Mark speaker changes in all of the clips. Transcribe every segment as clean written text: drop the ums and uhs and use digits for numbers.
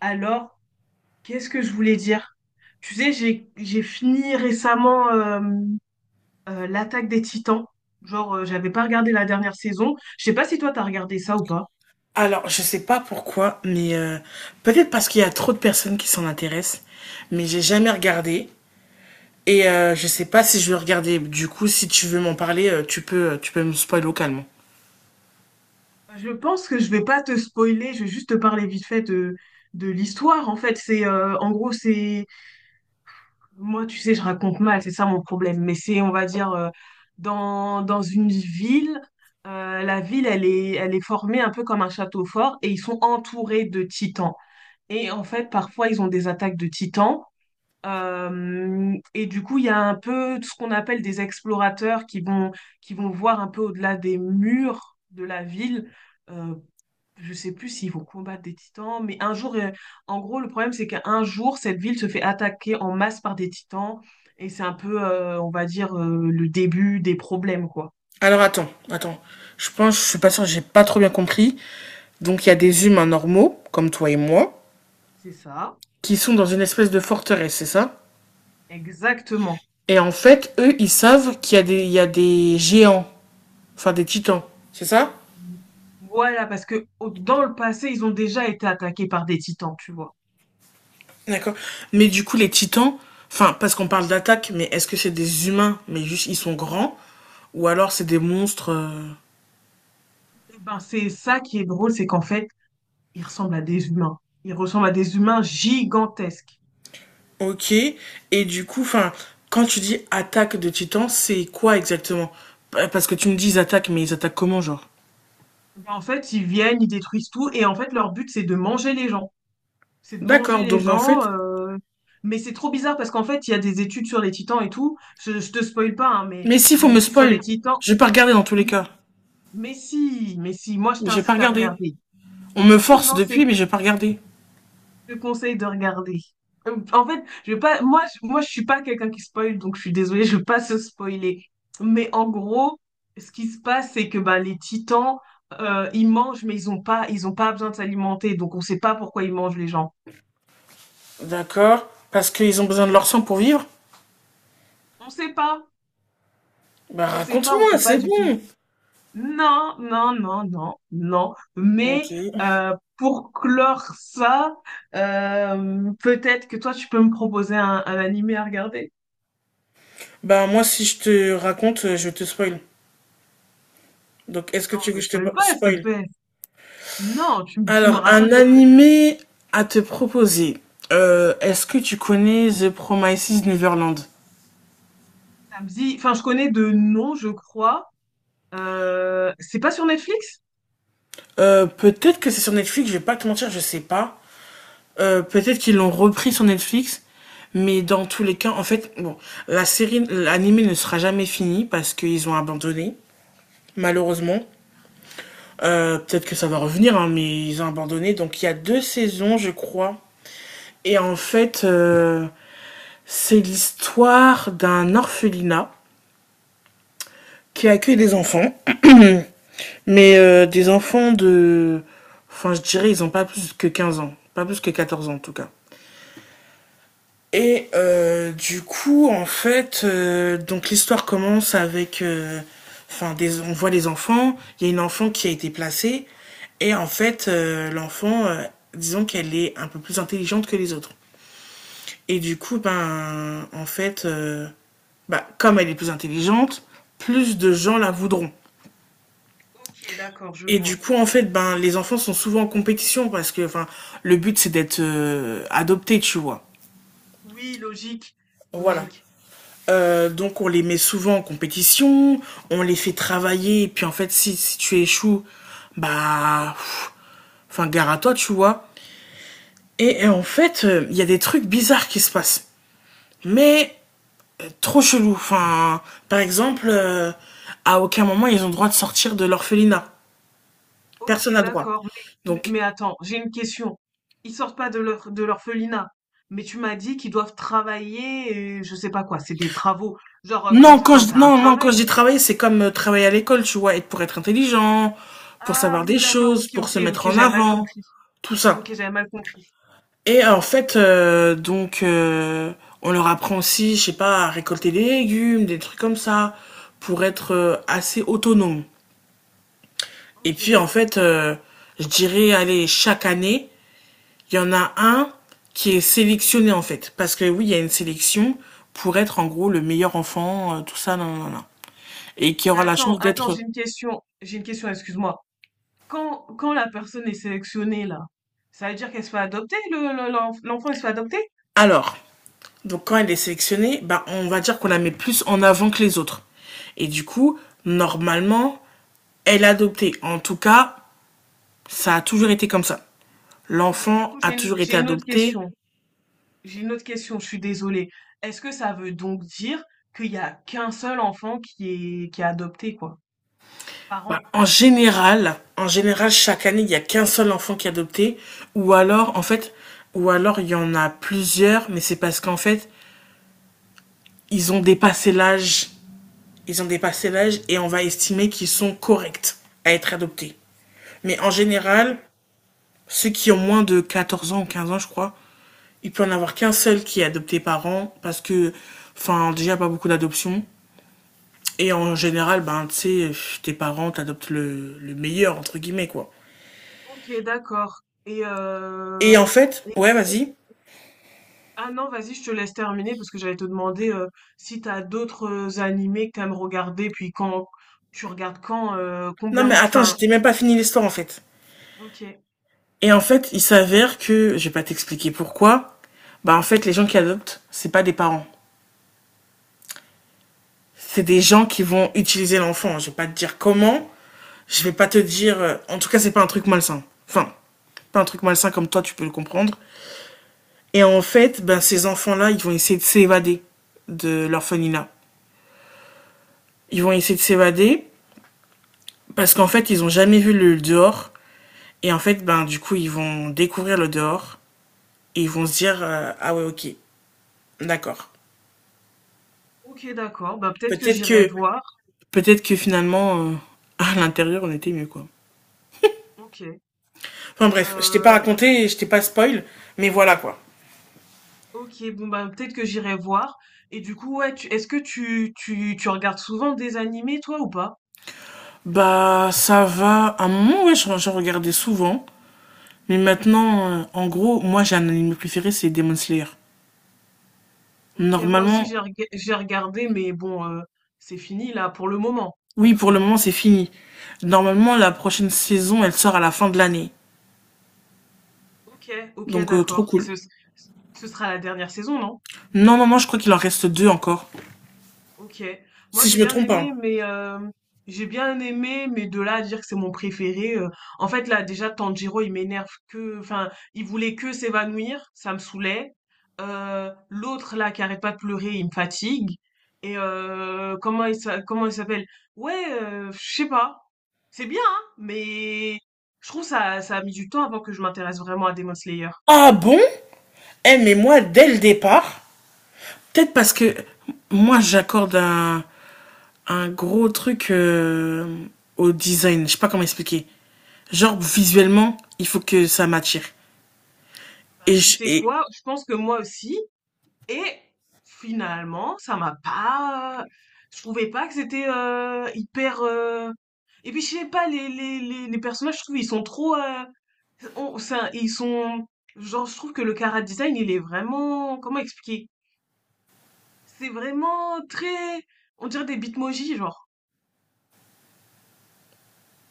Speaker 1: Alors, qu'est-ce que je voulais dire? Tu sais, j'ai fini récemment l'Attaque des Titans. Genre, j'avais pas regardé la dernière saison. Je sais pas si toi t'as regardé ça ou pas.
Speaker 2: Alors, je sais pas pourquoi, mais peut-être parce qu'il y a trop de personnes qui s'en intéressent, mais j'ai jamais regardé. Et je sais pas si je vais regarder. Du coup, si tu veux m'en parler, tu peux me spoiler localement.
Speaker 1: Je pense que je vais pas te spoiler, je vais juste te parler vite fait de l'histoire. En fait, c'est en gros, c'est Moi, tu sais, je raconte mal, c'est ça mon problème. Mais c'est, on va dire, dans une ville, la ville, elle est formée un peu comme un château fort et ils sont entourés de titans. Et en fait, parfois, ils ont des attaques de titans et du coup, il y a un peu tout ce qu'on appelle des explorateurs qui vont voir un peu au-delà des murs de la ville. Euh, je sais plus s'ils vont combattre des titans, mais un jour, en gros, le problème, c'est qu'un jour, cette ville se fait attaquer en masse par des titans. Et c'est un peu, on va dire, le début des problèmes, quoi.
Speaker 2: Alors attends, attends. Je pense, je suis pas sûre, j'ai pas trop bien compris. Donc il y a des humains normaux, comme toi et moi,
Speaker 1: C'est ça.
Speaker 2: qui sont dans une espèce de forteresse, c'est ça?
Speaker 1: Exactement.
Speaker 2: Et en fait, eux, ils savent qu'il y a des géants, enfin des titans, c'est ça?
Speaker 1: Voilà, parce que dans le passé, ils ont déjà été attaqués par des titans, tu vois.
Speaker 2: D'accord. Mais du coup, les titans, enfin, parce qu'on parle d'attaque, mais est-ce que c'est des humains, mais juste ils sont grands, ou alors c'est des monstres.
Speaker 1: Eh ben, c'est ça qui est drôle, c'est qu'en fait, ils ressemblent à des humains. Ils ressemblent à des humains gigantesques.
Speaker 2: Ok. Et du coup, enfin, quand tu dis attaque de titans, c'est quoi exactement? Parce que tu me dis ils attaquent, mais ils attaquent comment, genre?
Speaker 1: Eh ben, en fait, ils viennent, ils détruisent tout, et en fait, leur but, c'est de manger les gens. C'est de manger
Speaker 2: D'accord.
Speaker 1: les
Speaker 2: Donc en
Speaker 1: gens.
Speaker 2: fait.
Speaker 1: euh, Mais c'est trop bizarre parce qu'en fait, il y a des études sur les titans et tout. Je te spoil pas, hein, mais
Speaker 2: Mais si,
Speaker 1: il y
Speaker 2: faut
Speaker 1: a des
Speaker 2: me
Speaker 1: études sur les
Speaker 2: spoil.
Speaker 1: titans.
Speaker 2: Je vais pas regarder dans tous les cas.
Speaker 1: Mais si, moi, je
Speaker 2: Mais j'ai pas
Speaker 1: t'incite à
Speaker 2: regardé.
Speaker 1: regarder.
Speaker 2: On me force
Speaker 1: Non, c'est
Speaker 2: depuis, mais j'ai pas regardé.
Speaker 1: Je te conseille de regarder. En fait, je vais pas, moi, je suis pas quelqu'un qui spoil, donc je suis désolée, je vais pas se spoiler. Mais en gros, ce qui se passe, c'est que bah, les titans, ils mangent, mais ils ont pas besoin de s'alimenter, donc on sait pas pourquoi ils mangent les gens.
Speaker 2: D'accord. Parce qu'ils ont besoin de leur sang pour vivre.
Speaker 1: On sait pas,
Speaker 2: Bah
Speaker 1: on
Speaker 2: raconte-moi,
Speaker 1: sait pas
Speaker 2: c'est
Speaker 1: du tout.
Speaker 2: bon.
Speaker 1: Non, non, non, non, non.
Speaker 2: Ok.
Speaker 1: Mais pour clore ça, peut-être que toi, tu peux me proposer un animé à regarder.
Speaker 2: Bah moi, si je te raconte, je te spoil. Donc est-ce que tu
Speaker 1: Non,
Speaker 2: veux que
Speaker 1: me
Speaker 2: je te
Speaker 1: spoil pas, s'il te
Speaker 2: spoil?
Speaker 1: plaît. Non, tu me
Speaker 2: Alors, un
Speaker 1: racontes
Speaker 2: animé à te proposer. Est-ce que tu connais The Promises Neverland?
Speaker 1: samedi. Enfin, je connais de nom, je crois. C'est pas sur Netflix?
Speaker 2: Peut-être que c'est sur Netflix, je vais pas te mentir, je sais pas. Peut-être qu'ils l'ont repris sur Netflix, mais dans tous les cas, en fait, bon, la série, l'animé ne sera jamais fini parce qu'ils ont abandonné, malheureusement. Peut-être que ça va revenir, hein, mais ils ont abandonné. Donc il y a deux saisons, je crois. Et en fait, euh, C'est l'histoire d'un orphelinat qui accueille des enfants, mais des enfants de... Enfin, je dirais, ils ont pas plus que 15 ans. Pas plus que 14 ans, en tout cas. Et du coup, en fait, donc l'histoire commence avec. Enfin, on voit les enfants. Il y a une enfant qui a été placée. Et en fait, l'enfant, disons qu'elle est un peu plus intelligente que les autres. Et du coup, ben, en fait, bah, comme elle est plus intelligente, plus de gens la voudront.
Speaker 1: Ok, d'accord, je
Speaker 2: Et du
Speaker 1: vois.
Speaker 2: coup, en fait, ben, les enfants sont souvent en compétition parce que, enfin, le but c'est d'être adopté, tu vois.
Speaker 1: Oui, logique,
Speaker 2: Voilà.
Speaker 1: logique.
Speaker 2: Donc on les met souvent en compétition, on les fait travailler, et puis en fait, si tu échoues, bah, pff, enfin, gare à toi, tu vois. Et en fait, il y a des trucs bizarres qui se passent. Mais trop chelou. Enfin, par exemple, à aucun moment ils ont le droit de sortir de l'orphelinat.
Speaker 1: Ok,
Speaker 2: Personne n'a le droit.
Speaker 1: d'accord.
Speaker 2: Donc,
Speaker 1: Mais attends, j'ai une question. Ils sortent pas de leur de l'orphelinat, mais tu m'as dit qu'ils doivent travailler, et je sais pas quoi, c'est des travaux, genre comme
Speaker 2: non,
Speaker 1: quand t'as un
Speaker 2: non, non, quand
Speaker 1: travail.
Speaker 2: je dis travailler, c'est comme travailler à l'école, tu vois, être, pour être intelligent, pour
Speaker 1: Ah
Speaker 2: savoir des
Speaker 1: oui, d'accord,
Speaker 2: choses,
Speaker 1: ok,
Speaker 2: pour
Speaker 1: ok,
Speaker 2: se mettre
Speaker 1: ok,
Speaker 2: en
Speaker 1: j'avais mal
Speaker 2: avant,
Speaker 1: compris.
Speaker 2: tout
Speaker 1: Ok,
Speaker 2: ça.
Speaker 1: j'avais mal compris.
Speaker 2: Et en fait, donc, on leur apprend aussi, je sais pas, à récolter des légumes, des trucs comme ça, pour être assez autonome. Et puis, en
Speaker 1: Ok.
Speaker 2: fait, je dirais, allez, chaque année, il y en a un qui est sélectionné en fait, parce que oui, il y a une sélection pour être en gros le meilleur enfant, tout ça, non, non, non. Et qui
Speaker 1: Mais
Speaker 2: aura la
Speaker 1: attends,
Speaker 2: chance
Speaker 1: attends,
Speaker 2: d'être...
Speaker 1: j'ai une question. J'ai une question, excuse-moi. Quand la personne est sélectionnée, là, ça veut dire qu'elle se fait adopter, l'enfant, il se fait adopter?
Speaker 2: Alors, donc quand elle est sélectionnée, bah, on va dire qu'on la met plus en avant que les autres. Et du coup, normalement, elle est adoptée. En tout cas, ça a toujours été comme ça.
Speaker 1: Mais du
Speaker 2: L'enfant
Speaker 1: coup,
Speaker 2: a toujours été
Speaker 1: j'ai une autre
Speaker 2: adopté.
Speaker 1: question. J'ai une autre question, je suis désolée. Est-ce que ça veut donc dire qu'il y a qu'un seul enfant qui est adopté, quoi, par
Speaker 2: Bah,
Speaker 1: an?
Speaker 2: en général, chaque année, il n'y a qu'un seul enfant qui est adopté, ou alors, en fait, ou alors il y en a plusieurs, mais c'est parce qu'en fait, ils ont dépassé l'âge, ils ont dépassé l'âge et on va estimer qu'ils sont corrects à être adoptés. Mais en général,
Speaker 1: Ok.
Speaker 2: ceux qui ont moins de 14 ans ou 15 ans, je crois, il peut en avoir qu'un seul qui est adopté par an, parce que, enfin, déjà, pas beaucoup d'adoptions. Et en général, ben, tu sais, tes parents t'adoptent le meilleur, entre guillemets, quoi.
Speaker 1: Ok, d'accord et
Speaker 2: Et en fait,
Speaker 1: et
Speaker 2: ouais, vas-y.
Speaker 1: ah non, vas-y, je te laisse terminer parce que j'allais te demander, si t'as d'autres, animés que tu aimes regarder, puis quand tu regardes quand,
Speaker 2: Non,
Speaker 1: combien
Speaker 2: mais
Speaker 1: de
Speaker 2: attends,
Speaker 1: enfin,
Speaker 2: j'étais même pas fini l'histoire, en fait.
Speaker 1: Ok.
Speaker 2: Et en fait, il s'avère que, je vais pas t'expliquer pourquoi, bah, en fait, les gens qui adoptent, c'est pas des parents. C'est des gens qui vont utiliser l'enfant. Je vais pas te dire comment, je vais pas te dire, en tout cas, c'est pas un truc malsain. Enfin, pas un truc malsain comme toi, tu peux le comprendre. Et en fait, ben, ces enfants-là, ils vont essayer de s'évader de l'orphelinat. Ils vont essayer de s'évader parce qu'en fait, ils ont jamais vu le dehors. Et en fait, ben, du coup, ils vont découvrir le dehors. Et ils vont se dire, ah ouais, ok, d'accord.
Speaker 1: Ok, d'accord, bah, peut-être que
Speaker 2: peut-être
Speaker 1: j'irai
Speaker 2: que
Speaker 1: voir.
Speaker 2: peut-être que finalement à l'intérieur on était mieux, quoi.
Speaker 1: OK,
Speaker 2: Enfin bref, je t'ai pas
Speaker 1: heu,
Speaker 2: raconté, je t'ai pas spoil, mais voilà, quoi.
Speaker 1: Ok, bon, bah, peut-être que j'irai voir et du coup, ouais, tu est-ce que tu regardes souvent des animés toi ou pas?
Speaker 2: Bah, ça va, à un moment, ouais, je regardais souvent, mais maintenant en gros, moi j'ai un anime préféré, c'est Demon Slayer.
Speaker 1: Ok, moi aussi
Speaker 2: Normalement.
Speaker 1: j'ai regardé mais bon, c'est fini là pour le moment, en
Speaker 2: Oui,
Speaker 1: tout
Speaker 2: pour le
Speaker 1: cas.
Speaker 2: moment c'est fini. Normalement la prochaine saison elle sort à la fin de l'année.
Speaker 1: Ok, ok,
Speaker 2: Donc trop
Speaker 1: d'accord. Et
Speaker 2: cool.
Speaker 1: ce sera la dernière saison, non?
Speaker 2: Non, non, non, je crois qu'il en reste deux encore,
Speaker 1: Ok. Moi,
Speaker 2: si
Speaker 1: j'ai
Speaker 2: je me
Speaker 1: bien
Speaker 2: trompe
Speaker 1: aimé,
Speaker 2: pas.
Speaker 1: mais j'ai bien aimé, mais de là à dire que c'est mon préféré. Euh, en fait, là, déjà, Tanjiro, enfin, il voulait que s'évanouir, ça me saoulait. L'autre là qui arrête pas de pleurer, il me fatigue. Et comment il s'appelle? Ouais, je sais pas. C'est bien, hein, mais je trouve ça a mis du temps avant que je m'intéresse vraiment à Demon Slayer.
Speaker 2: Ah bon? Eh mais moi, dès le départ, peut-être parce que moi, j'accorde un gros truc au design. Je sais pas comment expliquer. Genre, visuellement, il faut que ça m'attire.
Speaker 1: Ben,
Speaker 2: Et,
Speaker 1: tu
Speaker 2: je-
Speaker 1: sais
Speaker 2: et...
Speaker 1: quoi? Je pense que moi aussi. Et finalement, ça m'a pas. Je trouvais pas que c'était hyper. Euh, et puis je sais pas, les personnages, je trouve, ils sont trop. Euh, c'est ils sont. Genre, je trouve que le chara design, il est vraiment. Comment expliquer? C'est vraiment très. On dirait des bitmojis, genre.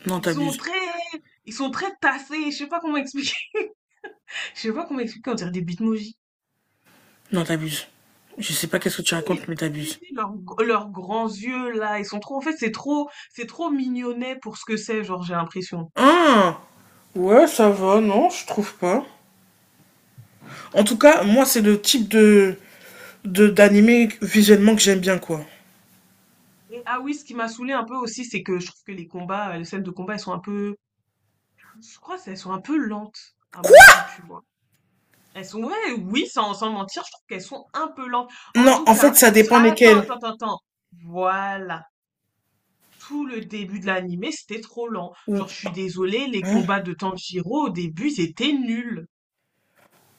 Speaker 2: Non,
Speaker 1: Ils sont
Speaker 2: t'abuses.
Speaker 1: très. Ils sont très tassés. Je sais pas comment expliquer. Je sais pas comment expliquer. On dirait des bitmojis.
Speaker 2: Non, t'abuses. Je sais pas
Speaker 1: Ah
Speaker 2: qu'est-ce que tu racontes,
Speaker 1: si,
Speaker 2: mais
Speaker 1: si,
Speaker 2: t'abuses.
Speaker 1: si, leurs grands yeux là, ils sont trop. En fait, c'est trop mignonnet pour ce que c'est, genre j'ai l'impression.
Speaker 2: Ah. Ouais, ça va, non, je trouve pas. En tout cas,
Speaker 1: Et,
Speaker 2: moi, c'est le type de d'animé visuellement que j'aime bien, quoi.
Speaker 1: ah oui, ce qui m'a saoulé un peu aussi, c'est que je trouve que les combats, les scènes de combat, elles sont un peu, je crois, qu'elles sont un peu lentes à mon
Speaker 2: Quoi?
Speaker 1: goût, tu vois. Elles sont, ouais, oui, sans mentir, je trouve qu'elles sont un peu lentes. En
Speaker 2: Non,
Speaker 1: tout
Speaker 2: en fait,
Speaker 1: cas,
Speaker 2: ça dépend
Speaker 1: ah, attends, attends,
Speaker 2: lesquels.
Speaker 1: attends, attends. Voilà. Tout le début de l'animé, c'était trop lent.
Speaker 2: Ou-
Speaker 1: Genre, je suis désolée, les
Speaker 2: hein?
Speaker 1: combats de Tanjiro au début, c'était nul.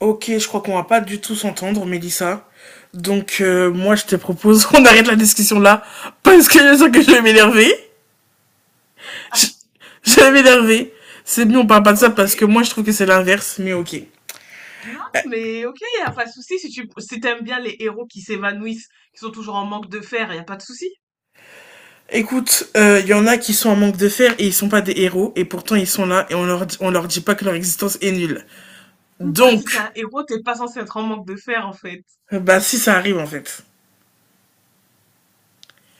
Speaker 2: Ok, je crois qu'on va pas du tout s'entendre, Mélissa. Donc, moi, je te propose qu'on arrête la discussion là, parce que je sens que je vais m'énerver. Je,
Speaker 1: Ah,
Speaker 2: je vais m'énerver. C'est mieux, on parle pas de ça,
Speaker 1: ok.
Speaker 2: parce que moi, je trouve que c'est l'inverse, mais ok.
Speaker 1: Non, mais ok, y a pas de souci si t'aimes bien les héros qui s'évanouissent, qui sont toujours en manque de fer, y a pas de souci.
Speaker 2: Écoute, il y en a qui sont en manque de fer et ils sont pas des héros, et pourtant ils sont là, et on leur dit pas que leur existence est nulle.
Speaker 1: Oui, bah si t'es
Speaker 2: Donc,
Speaker 1: un héros, t'es pas censé être en manque de fer en fait.
Speaker 2: bah si ça arrive en fait.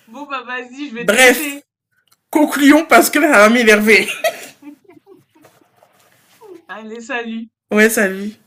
Speaker 1: Bon bah vas-y, je vais te laisser.
Speaker 2: Bref, concluons, parce que là, ça va m'énerver.
Speaker 1: Allez, salut.
Speaker 2: Ouais, salut.